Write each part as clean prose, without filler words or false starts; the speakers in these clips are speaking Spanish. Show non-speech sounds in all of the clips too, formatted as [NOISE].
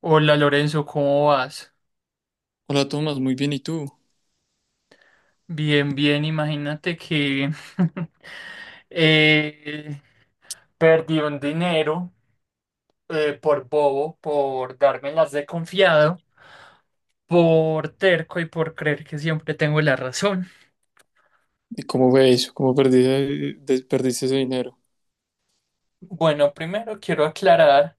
Hola Lorenzo, ¿cómo vas? Hola Tomás, muy bien, ¿y tú? Bien, bien, imagínate que [LAUGHS] eh, perdí un dinero por bobo, por darme las de confiado, por terco y por creer que siempre tengo la razón. ¿Y cómo fue eso? ¿Cómo perdiste, perdiste ese dinero? Bueno, primero quiero aclarar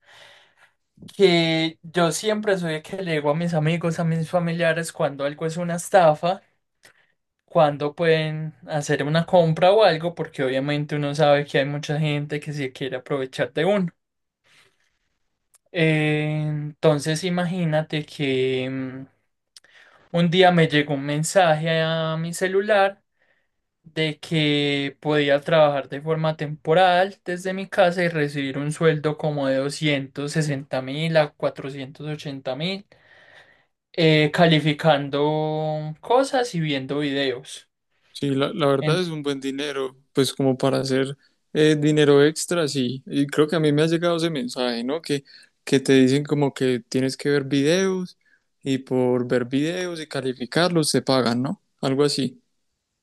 que yo siempre soy el que le digo a mis amigos, a mis familiares cuando algo es una estafa. Cuándo pueden hacer una compra o algo, porque obviamente uno sabe que hay mucha gente que se quiere aprovechar de uno. Entonces imagínate que un día me llegó un mensaje a mi celular de que podía trabajar de forma temporal desde mi casa y recibir un sueldo como de 260.000 a 480.000, calificando cosas y viendo videos. Sí, la verdad es un buen dinero, pues como para hacer dinero extra, sí. Y creo que a mí me ha llegado ese mensaje, ¿no? Que te dicen como que tienes que ver videos y por ver videos y calificarlos te pagan, ¿no? Algo así.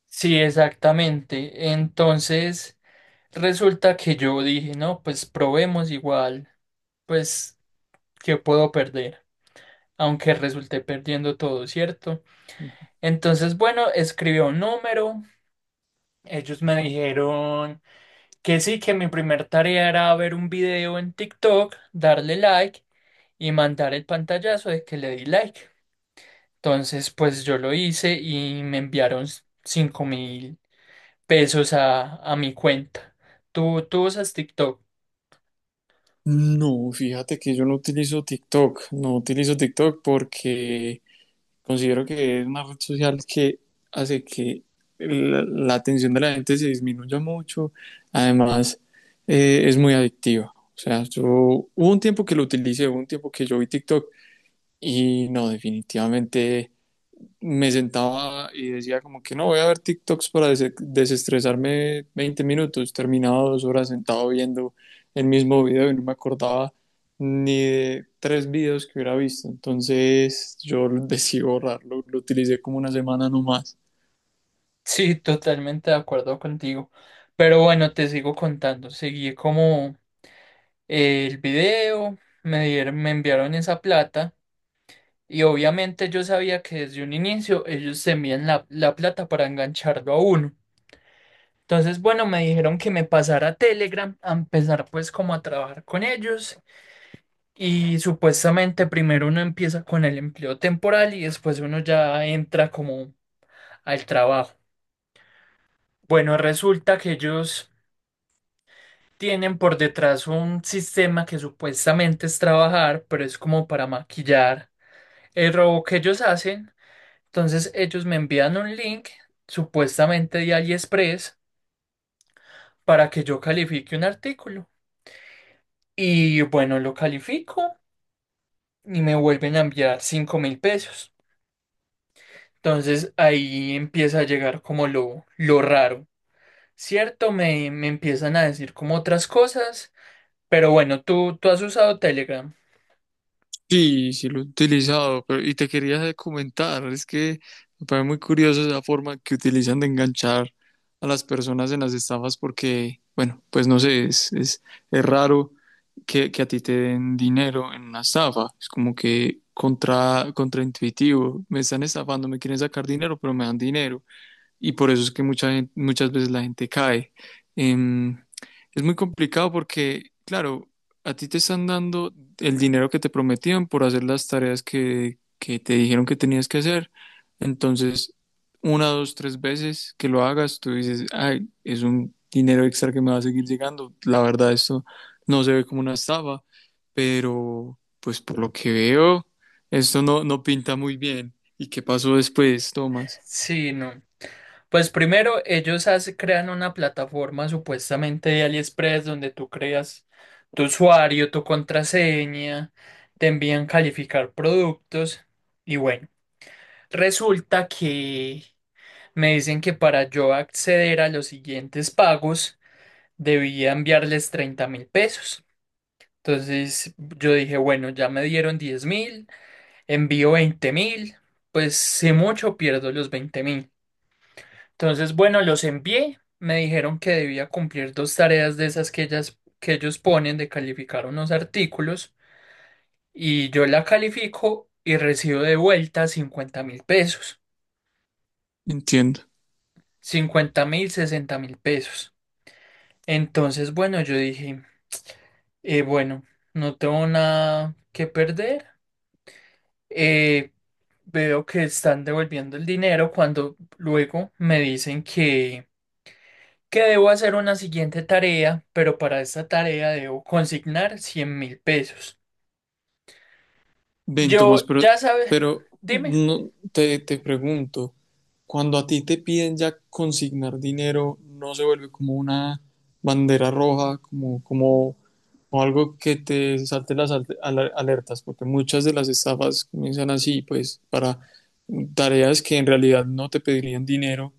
Sí, exactamente. Entonces, resulta que yo dije, no, pues probemos igual, pues, ¿qué puedo perder? Aunque resulté perdiendo todo, ¿cierto? Entonces, bueno, escribí un número. Ellos me dijeron que sí, que mi primer tarea era ver un video en TikTok, darle like y mandar el pantallazo de que le di like. Entonces, pues yo lo hice y me enviaron 5.000. Pesos a mi cuenta. ¿¿Tú usas TikTok? No, fíjate que yo no utilizo TikTok, no utilizo TikTok porque considero que es una red social que hace que la atención de la gente se disminuya mucho. Además, es muy adictiva. O sea, yo hubo un tiempo que lo utilicé, hubo un tiempo que yo vi TikTok y no, definitivamente me sentaba y decía como que no, voy a ver TikToks para desestresarme 20 minutos, terminaba 2 horas sentado viendo el mismo video y no me acordaba ni de tres videos que hubiera visto, entonces yo decidí borrarlo, lo utilicé como una semana nomás. Sí, [LAUGHS] totalmente de acuerdo contigo. Pero bueno, te sigo contando. Seguí como el video, me dieron, me enviaron esa plata y obviamente yo sabía que desde un inicio ellos se envían la plata para engancharlo a uno. Entonces, bueno, me dijeron que me pasara a Telegram a empezar pues como a trabajar con ellos. Y supuestamente primero uno empieza con el empleo temporal y después uno ya entra como al trabajo. Bueno, resulta que ellos tienen por detrás un sistema que supuestamente es trabajar, pero es como para maquillar el robo que ellos hacen. Entonces ellos me envían un link supuestamente de AliExpress para que yo califique un artículo. Y bueno, lo califico y me vuelven a enviar 5.000 pesos. Entonces ahí empieza a llegar como lo raro, ¿cierto? Me empiezan a decir como otras cosas, pero bueno, ¿¿tú has usado Telegram? Sí, sí lo he utilizado, pero y te quería comentar, es que me parece muy curioso esa forma que utilizan de enganchar a las personas en las estafas porque, bueno, pues no sé, es raro que a ti te den dinero en una estafa, es como que contraintuitivo, me están estafando, me quieren sacar dinero, pero me dan dinero y por eso es que muchas veces la gente cae. Em, es muy complicado porque, claro, a ti te están dando el dinero que te prometían por hacer las tareas que te dijeron que tenías que hacer. Entonces, una, dos, tres veces que lo hagas, tú dices, ay, es un dinero extra que me va a seguir llegando. La verdad, esto no se ve como una estafa, pero pues por lo que veo, esto no, no pinta muy bien. ¿Y qué pasó después, Tomás? Sí, no. Pues primero ellos crean una plataforma supuestamente de AliExpress donde tú creas tu usuario, tu contraseña, te envían calificar productos y bueno, resulta que me dicen que para yo acceder a los siguientes pagos, debía enviarles 30.000 pesos. Entonces yo dije, bueno, ya me dieron 10.000, envío 20.000, pues si mucho pierdo los 20.000. Entonces, bueno, los envié, me dijeron que debía cumplir dos tareas de esas que ellos ponen de calificar unos artículos y yo la califico y recibo de vuelta 50.000 pesos, Entiendo. 50.000, 60.000 pesos. Entonces, bueno, yo dije, bueno, no tengo nada que perder. eh, Veo que están devolviendo el dinero cuando luego me dicen que debo hacer una siguiente tarea, pero para esta tarea debo consignar 100.000 pesos. Ven, Tomás, Yo ya sabes, pero dime. no, te pregunto, cuando a ti te piden ya consignar dinero, ¿no se vuelve como una bandera roja, como algo que te salte las alertas? Porque muchas de las estafas comienzan así, pues, para tareas que en realidad no te pedirían dinero,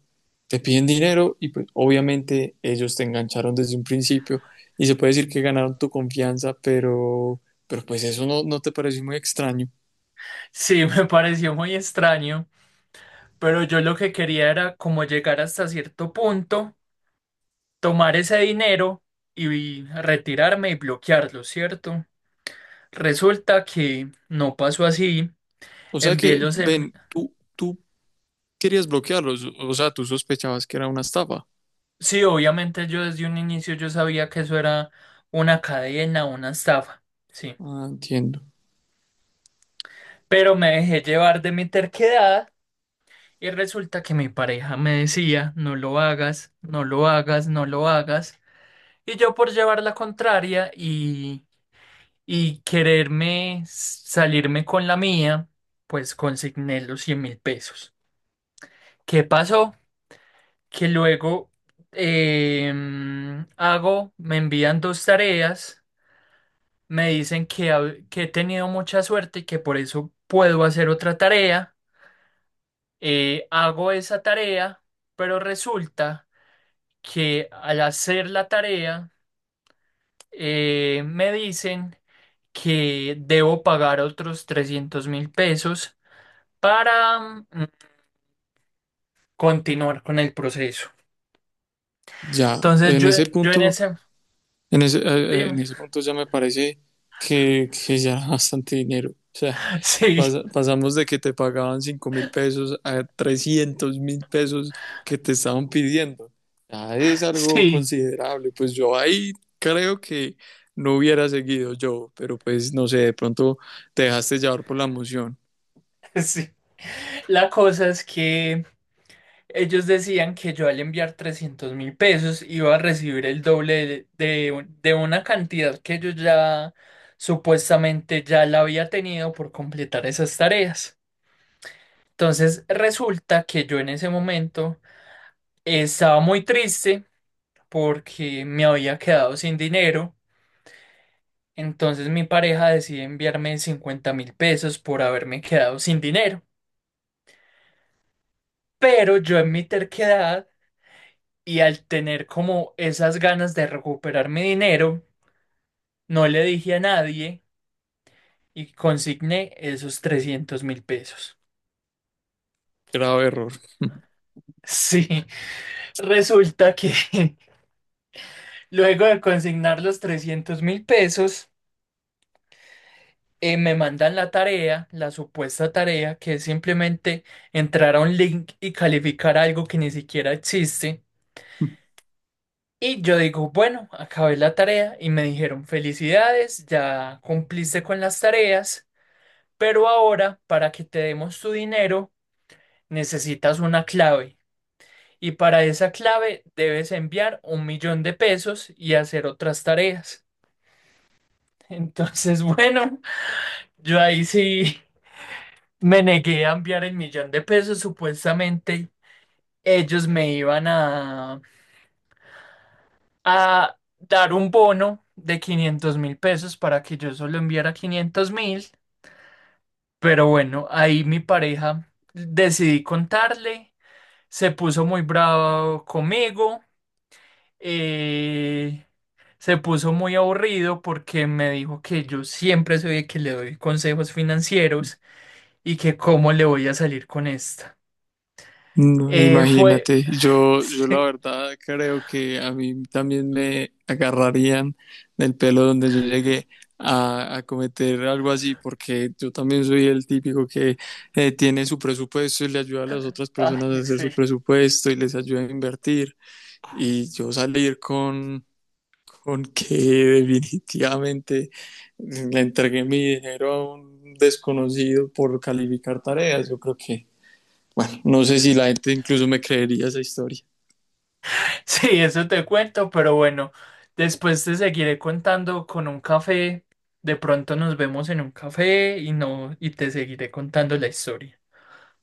te piden dinero y pues obviamente ellos te engancharon desde un principio y se puede decir que ganaron tu confianza, pero, pero pues eso no te pareció muy extraño. Sí, [LAUGHS] me pareció muy extraño, pero yo lo que quería era como llegar hasta cierto punto, tomar ese dinero y retirarme y bloquearlo, ¿cierto? Resulta que no pasó así. O sea Envié que, los, em- ven, tú querías bloquearlos, o sea, tú sospechabas que era una estafa. Sí, obviamente yo desde un inicio yo sabía que eso era una cadena, una estafa, sí. Ah, entiendo. Pero me dejé llevar de mi terquedad y resulta que mi pareja me decía, no lo hagas, no lo hagas, no lo hagas. Y yo por llevar la contraria y quererme salirme con la mía, pues consigné los 100.000 pesos. ¿Qué pasó? Que luego hago, me envían dos tareas. Me dicen que, que he tenido mucha suerte y que por eso puedo hacer otra tarea. Hago esa tarea, pero resulta que al hacer la tarea me dicen que debo pagar otros 300.000 pesos para continuar con el proceso. Ya, Entonces en yo, ese yo en punto, ese... en Dime. ese punto ya me parece que ya era bastante dinero. O sea, [LAUGHS] Sí, pasamos de que te pagaban 5.000 pesos a 300.000 pesos que te estaban pidiendo. Ya es algo sí. considerable. Pues yo ahí creo que no hubiera seguido yo, pero pues no sé, de pronto te dejaste llevar por la emoción. [LAUGHS] Sí. La cosa es que ellos decían que yo al enviar 300.000 pesos iba a recibir el doble de de una cantidad que yo ya supuestamente ya la había tenido por completar esas tareas. Entonces resulta que yo en ese momento estaba muy triste porque me había quedado sin dinero. Entonces mi pareja decide enviarme 50.000 pesos por haberme quedado sin dinero. Pero yo en mi terquedad y al tener como esas ganas de recuperar mi dinero, no le dije a nadie y consigné esos 300.000 pesos. Grave error. [LAUGHS] Sí, [LAUGHS] resulta que [LAUGHS] luego de consignar los 300.000 pesos, me mandan la tarea, la supuesta tarea, que es simplemente entrar a un link y calificar algo que ni siquiera existe. Y yo digo, bueno, acabé la tarea y me dijeron, felicidades, ya cumpliste con las tareas. Pero ahora, para que te demos tu dinero, necesitas una clave. Y para esa clave debes enviar un millón de pesos y hacer otras tareas. [LAUGHS] Entonces, bueno, yo ahí sí me negué a enviar el millón de pesos. Supuestamente ellos me iban a dar un bono de 500.000 pesos para que yo solo enviara 500.000. Pero bueno, ahí mi pareja decidí contarle. Se puso muy bravo conmigo, eh, se puso muy aburrido porque me dijo que yo siempre soy el que le doy consejos financieros y que cómo le voy a salir con esta. No, Fue... imagínate, [SIGHS] yo la Sí, verdad creo que a mí también me agarrarían del pelo donde yo llegué a cometer algo así, porque yo también soy el típico que tiene su presupuesto y le ayuda a las otras personas a ay, hacer sí. su presupuesto y les ayuda a invertir. Y yo salir con que [LAUGHS] definitivamente le entregué mi dinero a un desconocido por calificar tareas, yo creo que... Bueno, no sé si la gente incluso me creería esa historia. [LAUGHS] Sí, eso te cuento, pero bueno, después te seguiré contando con un café. De pronto nos vemos en un café y no, y te seguiré contando la historia.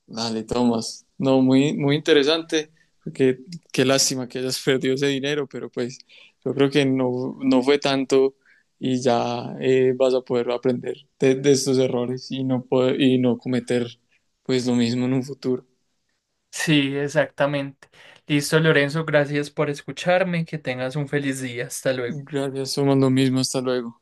Dale, Tomás. No, muy, muy interesante, porque qué lástima que hayas [LAUGHS] perdido ese dinero, pero pues yo creo que no fue tanto y ya vas a poder aprender de estos errores y no, cometer pues lo mismo en un futuro. Sí, exactamente. Listo, Lorenzo, gracias por escucharme. Que tengas un feliz día. Hasta luego. Gracias, somos lo mismo, hasta luego.